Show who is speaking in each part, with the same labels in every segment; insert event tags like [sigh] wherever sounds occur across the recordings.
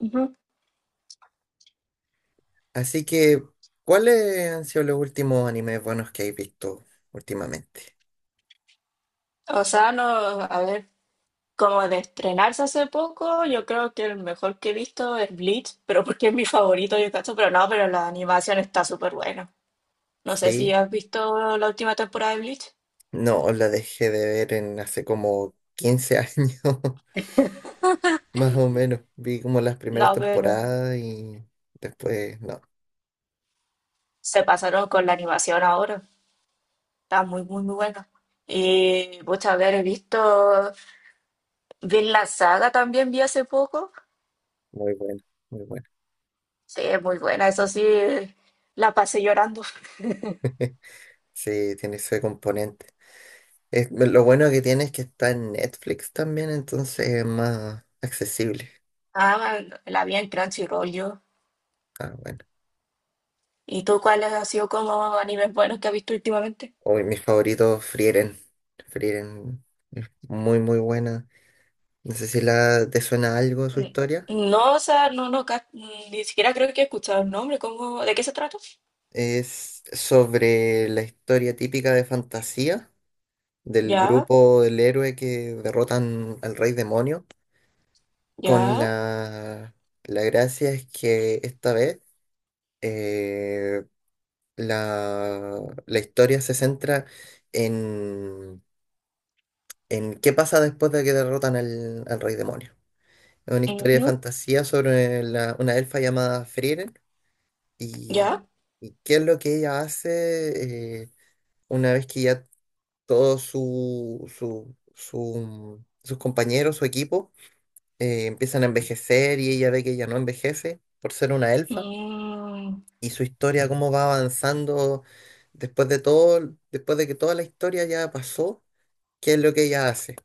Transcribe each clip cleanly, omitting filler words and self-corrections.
Speaker 1: Ujú.
Speaker 2: Así que, ¿cuáles han sido los últimos animes buenos que hay visto últimamente?
Speaker 1: O sea, no, a ver, como de estrenarse hace poco, yo creo que el mejor que he visto es Bleach, [laughs] pero porque es mi favorito, yo cacho, pero no, pero la animación está súper buena. No sé si
Speaker 2: Sí,
Speaker 1: has visto la última temporada de Bleach.
Speaker 2: no, la dejé de ver en hace como 15 años, [laughs] más o menos. Vi como las primeras
Speaker 1: No, pero
Speaker 2: temporadas y después, no,
Speaker 1: se pasaron con la animación ahora. Está muy, muy, muy buena. Y, muchas a ver, he visto, vi la saga también, vi hace poco.
Speaker 2: muy bueno, muy bueno.
Speaker 1: Sí, es muy buena, eso sí, la pasé llorando.
Speaker 2: [laughs] Sí, tiene ese componente. Lo bueno que tiene es que está en Netflix también, entonces es más accesible.
Speaker 1: Ah, la vi en Crunchyroll yo.
Speaker 2: Ah, bueno.
Speaker 1: ¿Y tú cuáles han sido como animes buenos que has visto últimamente?
Speaker 2: Hoy mis favoritos, Frieren. Frieren, es muy, muy buena. No sé si te suena algo su
Speaker 1: N-
Speaker 2: historia.
Speaker 1: No, o sea, no, no, ni siquiera creo que he escuchado el nombre. ¿Cómo, de qué se trata?
Speaker 2: Es sobre la historia típica de fantasía del
Speaker 1: Ya,
Speaker 2: grupo del héroe que derrotan al rey demonio. Con
Speaker 1: ya,
Speaker 2: la, la gracia es que esta vez eh, la, la historia se centra en, en qué pasa después de que derrotan al rey demonio. Es una historia de
Speaker 1: ujú,
Speaker 2: fantasía sobre una elfa llamada Frieren. ¿Y
Speaker 1: ya,
Speaker 2: y qué es lo que ella hace una vez que ya todos sus compañeros, su equipo, empiezan a envejecer y ella ve que ella no envejece por ser una elfa?
Speaker 1: mm,
Speaker 2: Y su historia, cómo va avanzando después de todo, después de que toda la historia ya pasó, ¿qué es lo que ella hace?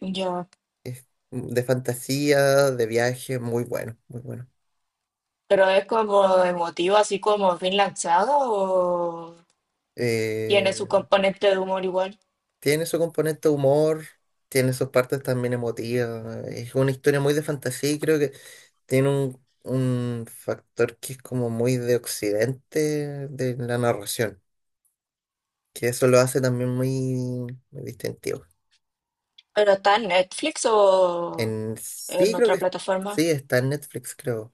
Speaker 1: ya.
Speaker 2: Es de fantasía, de viaje, muy bueno, muy bueno.
Speaker 1: Pero es como emotivo, así como bien lanzado, o
Speaker 2: Eh,
Speaker 1: tiene su componente de humor igual.
Speaker 2: Tiene su componente de humor, tiene sus partes también emotivas. Es una historia muy de fantasía y creo que tiene un factor que es como muy de occidente de la narración, que eso lo hace también muy, muy distintivo.
Speaker 1: Pero está en Netflix o
Speaker 2: En sí,
Speaker 1: en
Speaker 2: creo que
Speaker 1: otra plataforma.
Speaker 2: sí, está en Netflix, creo,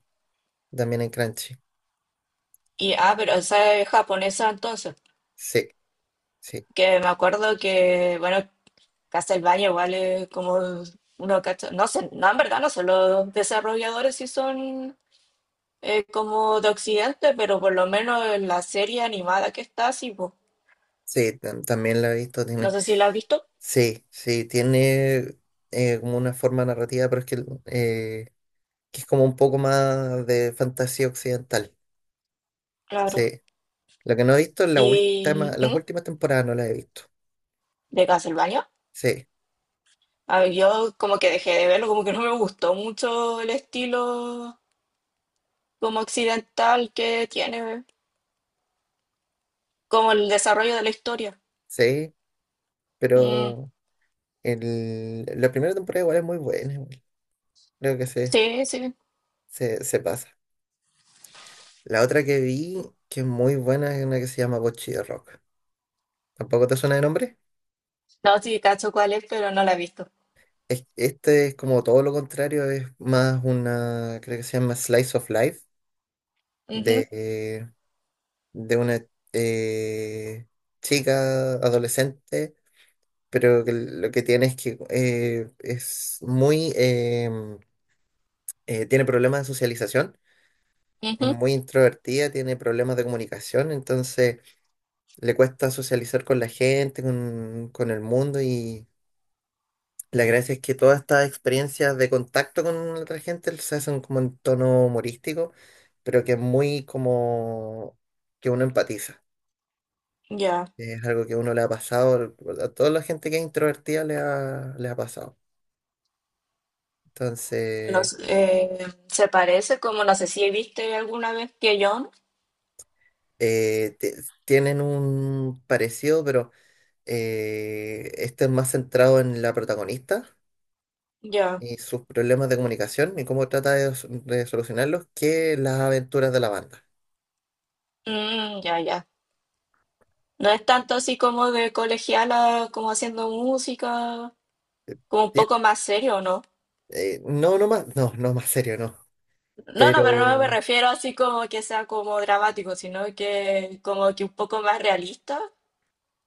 Speaker 2: también en Crunchy.
Speaker 1: Y, ah, pero esa es japonesa entonces.
Speaker 2: Sí, sí,
Speaker 1: Que me acuerdo que, bueno. Castlevania igual es como uno no sé, no, en verdad no sé, los desarrolladores sí son como de Occidente, pero por lo menos en la serie animada que está, sí, po.
Speaker 2: sí, también la he visto,
Speaker 1: No
Speaker 2: tiene,
Speaker 1: sé si la has visto,
Speaker 2: sí, sí, tiene como una forma narrativa, pero es que es como un poco más de fantasía occidental.
Speaker 1: claro.
Speaker 2: Sí. Lo que no he visto en la
Speaker 1: Y
Speaker 2: última, las
Speaker 1: ¿mm?
Speaker 2: últimas temporadas no las he visto.
Speaker 1: De Castlevania,
Speaker 2: Sí,
Speaker 1: a ver, yo como que dejé de verlo, como que no me gustó mucho el estilo como occidental que tiene, como el desarrollo de la historia.
Speaker 2: sí,
Speaker 1: Mm,
Speaker 2: pero la primera temporada igual es muy buena. Igual. Creo que
Speaker 1: sí, sí.
Speaker 2: se pasa. La otra que vi, que es muy buena, es una que se llama Bocchi de Rock. ¿Tampoco te suena de nombre?
Speaker 1: No, sí, cacho cuál es, pero no la he visto.
Speaker 2: Este es como todo lo contrario, es más una, creo que se llama Slice of Life,
Speaker 1: Ujú,
Speaker 2: de, de una eh, chica adolescente pero que lo que tiene es que es muy, tiene problemas de socialización, es
Speaker 1: ujú,
Speaker 2: muy introvertida, tiene problemas de comunicación, entonces le cuesta socializar con la gente, con el mundo y la gracia es que todas estas experiencias de contacto con otra gente se hacen como en tono humorístico, pero que es muy como que uno empatiza.
Speaker 1: ya.
Speaker 2: Es algo que uno le ha pasado, a toda la gente que es introvertida le ha pasado. Entonces...
Speaker 1: Los, se parece como, no sé si viste alguna vez, que John.
Speaker 2: eh, te- tienen un parecido, pero este es más centrado en la protagonista
Speaker 1: Ya,
Speaker 2: y sus problemas de comunicación y cómo trata de, de solucionarlos que las aventuras de la banda.
Speaker 1: mm, ya, ya. No es tanto así como de colegiala, como haciendo música, como un
Speaker 2: Tien-
Speaker 1: poco más serio, ¿no?
Speaker 2: no, no más, no, no más serio, no.
Speaker 1: No, no, pero no me
Speaker 2: Pero
Speaker 1: refiero así como que sea como dramático, sino que como que un poco más realista,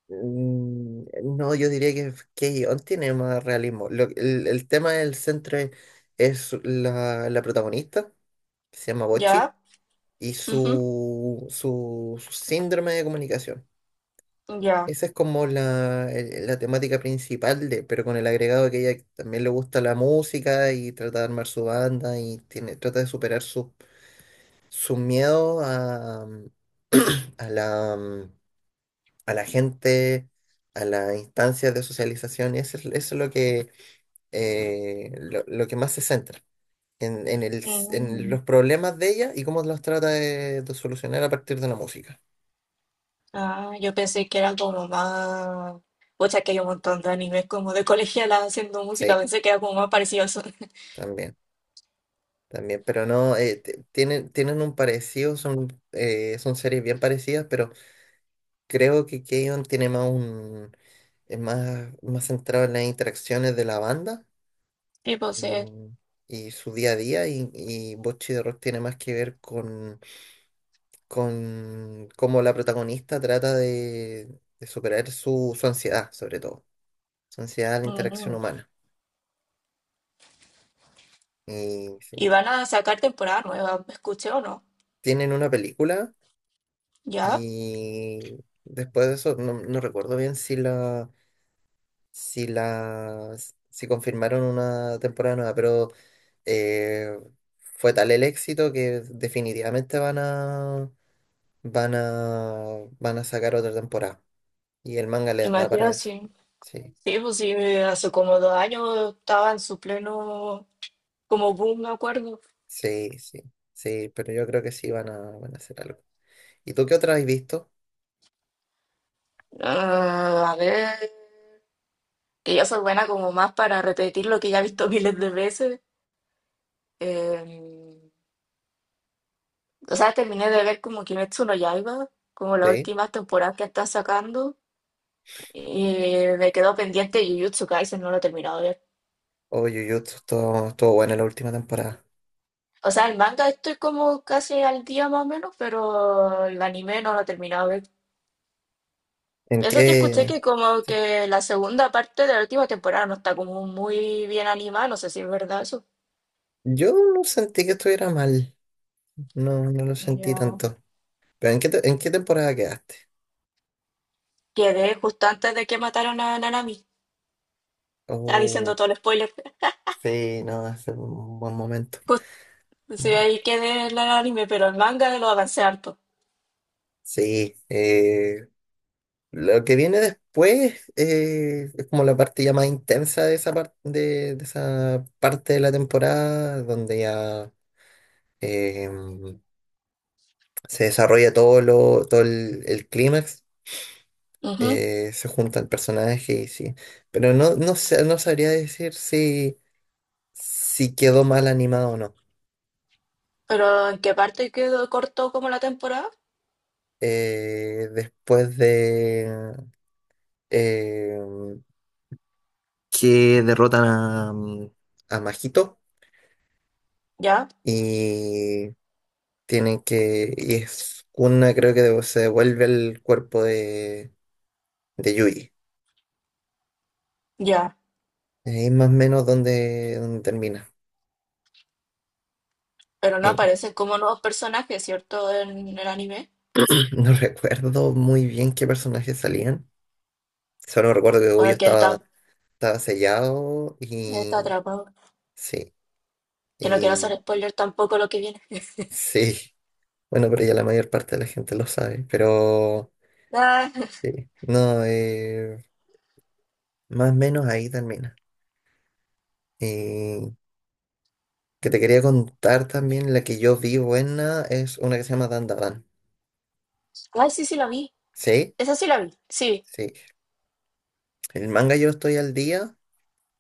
Speaker 2: mm, no, yo diría que K-On! Tiene más realismo. El tema del centro es la protagonista, que se llama Bochi,
Speaker 1: ya.
Speaker 2: y su síndrome de comunicación.
Speaker 1: Ujú, ya.
Speaker 2: Esa es como la temática principal, de, pero con el agregado de que ella también le gusta la música y trata de armar su banda y tiene, trata de superar su, su miedo a la, a la gente, a las instancias de socialización. Eso es lo que, lo que más se centra, en
Speaker 1: Mm.
Speaker 2: los problemas de ella y cómo los trata de solucionar a partir de la música.
Speaker 1: Ah, yo pensé que era como más... Pucha, que hay un montón de animes como de colegiala haciendo música,
Speaker 2: Sí,
Speaker 1: pensé que era como más parecido a eso. [laughs]
Speaker 2: también. También, pero no, tienen, tienen un parecido, son, son series bien parecidas, pero creo que Keion tiene más es más, más centrado en las interacciones de la banda
Speaker 1: Tipo, sí.
Speaker 2: y, y su día a día, y Bocchi de Rock tiene más que ver con cómo la protagonista trata de superar su, su ansiedad, sobre todo, su ansiedad a la interacción
Speaker 1: Mm.
Speaker 2: humana. Y sí,
Speaker 1: Y van a sacar temporada nueva, escuché o no.
Speaker 2: tienen una película.
Speaker 1: Ya,
Speaker 2: Y después de eso, no, no recuerdo bien si si la, si confirmaron una temporada nueva, pero eh, fue tal el éxito que definitivamente van a, van a, van a sacar otra temporada. Y el manga les da
Speaker 1: imagino
Speaker 2: para eso.
Speaker 1: sí.
Speaker 2: Sí,
Speaker 1: Sí, pues sí, hace como 2 años estaba en su pleno, como boom, me acuerdo.
Speaker 2: sí, sí, sí, pero yo creo que sí van a, van a hacer algo. ¿Y tú qué otra has visto?
Speaker 1: Ah, a ver, que yo soy buena como más para repetir lo que ya he visto [laughs] miles de veces. Eh, o sea, terminé de ver como Kimetsu no Yaiba, como las
Speaker 2: Sí.
Speaker 1: últimas temporadas que está sacando. Y me quedó pendiente Jujutsu Kaisen, no lo he terminado.
Speaker 2: Oh, Jujutsu, estuvo estuvo buena la última temporada.
Speaker 1: O sea, el manga estoy como casi al día más o menos, pero el anime no lo he terminado de ver.
Speaker 2: ¿En
Speaker 1: Eso sí, escuché
Speaker 2: qué?
Speaker 1: que como
Speaker 2: Sí.
Speaker 1: que la segunda parte de la última temporada no está como muy bien animada, no sé si es verdad eso.
Speaker 2: Yo no sentí que estuviera mal, no, no lo sentí
Speaker 1: Ya,
Speaker 2: tanto. Pero ¿en qué, en qué temporada quedaste?
Speaker 1: quedé justo antes de que mataron a Nanami. Está diciendo
Speaker 2: Oh,
Speaker 1: todo el spoiler.
Speaker 2: sí, no, es un buen momento.
Speaker 1: Justo, sí, ahí quedé en el anime, pero el manga lo avancé harto.
Speaker 2: Sí, lo que viene después es como la parte ya más intensa de esa, de esa parte de la temporada, donde ya eh, se desarrolla todo el clímax,
Speaker 1: Ujú.
Speaker 2: se junta el personaje y sí. Pero no sabría decir si... si quedó mal animado o no.
Speaker 1: Pero ¿en qué parte quedó corto como la temporada?
Speaker 2: Después de eh, que derrotan a, a Majito
Speaker 1: Ya,
Speaker 2: y tienen que. Y es una, creo que se devuelve el cuerpo de Yui.
Speaker 1: ya.
Speaker 2: Ahí más o menos donde, donde termina.
Speaker 1: Pero no
Speaker 2: Eh,
Speaker 1: aparecen como nuevos personajes, ¿cierto? En el anime.
Speaker 2: [clears throat] no recuerdo muy bien qué personajes salían. Solo recuerdo que Goyo
Speaker 1: Porque
Speaker 2: estaba, estaba sellado y.
Speaker 1: está atrapado.
Speaker 2: Sí.
Speaker 1: Que no quiero hacer
Speaker 2: Y.
Speaker 1: spoiler tampoco lo que viene.
Speaker 2: Sí. Bueno, pero ya la mayor parte de la gente lo sabe, pero
Speaker 1: Ah,
Speaker 2: sí, no, más o menos ahí termina. Y que te quería contar también, la que yo vi buena es una que se llama Dandadan.
Speaker 1: ay, sí, sí la vi.
Speaker 2: ¿Sí?
Speaker 1: Esa sí la vi. Sí.
Speaker 2: Sí. El manga yo estoy al día,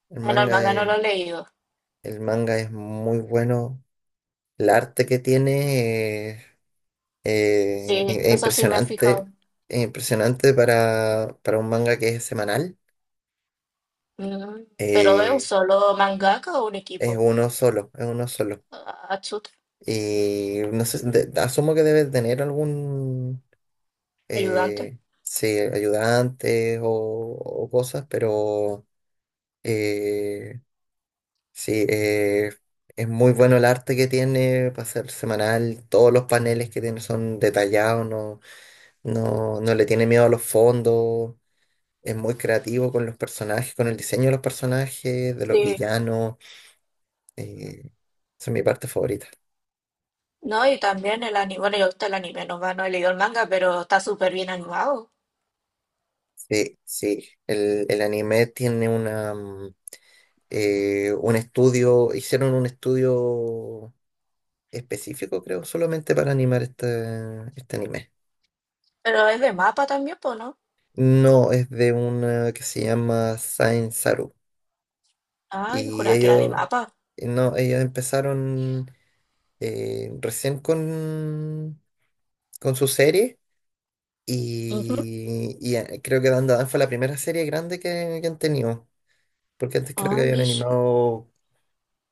Speaker 2: el
Speaker 1: En
Speaker 2: manga
Speaker 1: Almaga no
Speaker 2: es,
Speaker 1: lo he leído.
Speaker 2: el manga es muy bueno, el arte que tiene eh,
Speaker 1: Sí,
Speaker 2: es
Speaker 1: eso sí me he
Speaker 2: impresionante,
Speaker 1: fijado.
Speaker 2: es impresionante para un manga que es semanal.
Speaker 1: Mm, pero ¿es un
Speaker 2: Eh,
Speaker 1: solo mangaka o un
Speaker 2: es
Speaker 1: equipo?
Speaker 2: uno solo, es uno solo.
Speaker 1: Ah, Atsuta,
Speaker 2: Y no sé, asumo que debe tener algún,
Speaker 1: ayudante.
Speaker 2: sí, ayudante o cosas, pero eh, sí, eh, es muy bueno el arte que tiene para ser semanal. Todos los paneles que tiene son detallados, no, no le tiene miedo a los fondos. Es muy creativo con los personajes, con el diseño de los personajes, de los
Speaker 1: Sí.
Speaker 2: villanos. Eh, esa es mi parte favorita.
Speaker 1: No, y también el anime. Bueno, yo gusta el anime, no, no he leído el manga, pero está súper bien animado.
Speaker 2: Sí, sí, el anime tiene una... un estudio, hicieron un estudio específico, creo, solamente para animar este, este anime.
Speaker 1: Pero es de mapa también, pues, ¿no?
Speaker 2: No, es de una que se llama Saint Saru.
Speaker 1: Ah, yo
Speaker 2: Y
Speaker 1: juraba que era de
Speaker 2: ellos,
Speaker 1: mapa.
Speaker 2: no, ellos empezaron recién con su serie.
Speaker 1: Ujú.
Speaker 2: Y, creo que Dan Dan fue la primera serie grande que han tenido. Porque antes creo que
Speaker 1: Ah,
Speaker 2: habían
Speaker 1: mish.
Speaker 2: animado,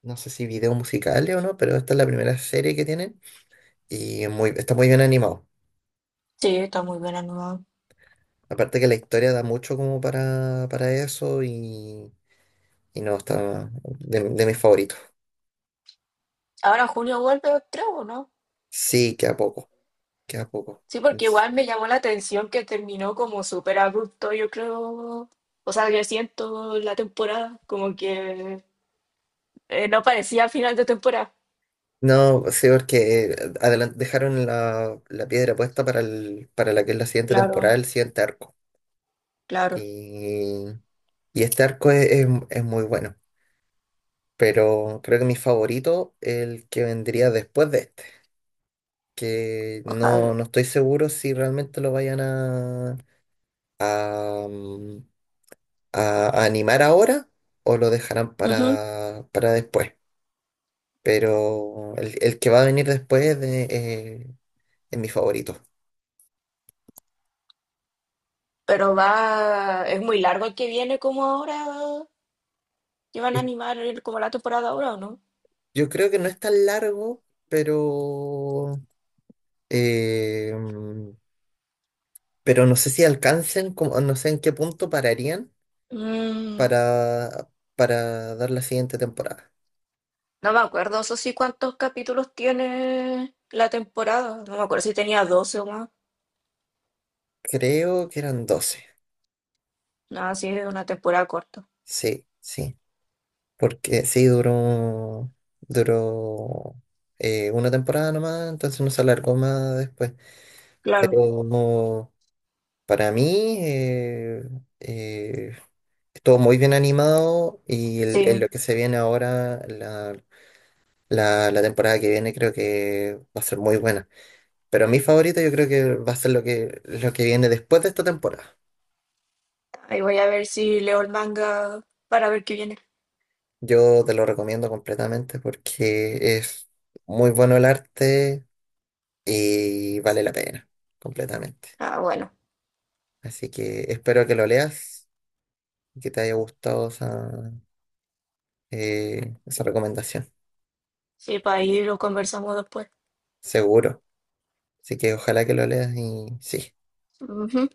Speaker 2: no sé si videos musicales o no, pero esta es la primera serie que tienen. Y es muy, está muy bien animado.
Speaker 1: Sí, está muy bien animado.
Speaker 2: Aparte que la historia da mucho como para eso y no, está de mis favoritos.
Speaker 1: Ahora en junio vuelve, creo, ¿no?
Speaker 2: Sí, queda poco, queda poco.
Speaker 1: Sí, porque
Speaker 2: Es-
Speaker 1: igual me llamó la atención que terminó como súper abrupto, yo creo. O sea, yo siento la temporada, como que no parecía final de temporada.
Speaker 2: No, sí, porque dejaron la piedra puesta para, para la que es la siguiente temporada,
Speaker 1: Claro,
Speaker 2: el siguiente arco.
Speaker 1: claro,
Speaker 2: Y, y este arco es, es muy bueno, pero creo que mi favorito es el que vendría después de este, que
Speaker 1: ojalá.
Speaker 2: no, no estoy seguro si realmente lo vayan a a, mm, a animar ahora o lo dejarán
Speaker 1: Ujú.
Speaker 2: para después. Pero el que va a venir después de, es mi favorito.
Speaker 1: Pero va, es muy largo el que viene como ahora. ¿Que van a
Speaker 2: Es-
Speaker 1: animar como la temporada ahora o no?
Speaker 2: Yo creo que no es tan largo, pero, eh, mm, pero no sé si alcancen, no sé en qué punto pararían
Speaker 1: Mm,
Speaker 2: para, para dar la siguiente temporada.
Speaker 1: no me acuerdo, eso sí, cuántos capítulos tiene la temporada. No me acuerdo si tenía 12 o más.
Speaker 2: Creo que eran 12.
Speaker 1: Nada, sí, es una temporada corta.
Speaker 2: Sí, sí. Porque sí, duró, duró una temporada nomás, entonces no se alargó más después.
Speaker 1: Claro,
Speaker 2: Pero para mí eh, estuvo muy bien animado y el lo
Speaker 1: sí.
Speaker 2: que se viene ahora, la temporada que viene, creo que va a ser muy buena. Pero mi favorito yo creo que va a ser lo que viene después de esta temporada.
Speaker 1: Ahí voy a ver si leo el manga para ver qué viene.
Speaker 2: Yo te lo recomiendo completamente porque es muy bueno el arte y vale la pena, completamente.
Speaker 1: Ah, bueno.
Speaker 2: Así que espero que lo leas y que te haya gustado esa, esa recomendación,
Speaker 1: Sí, para ahí lo conversamos después.
Speaker 2: seguro. Así que ojalá que lo leas y sí.
Speaker 1: Ujú.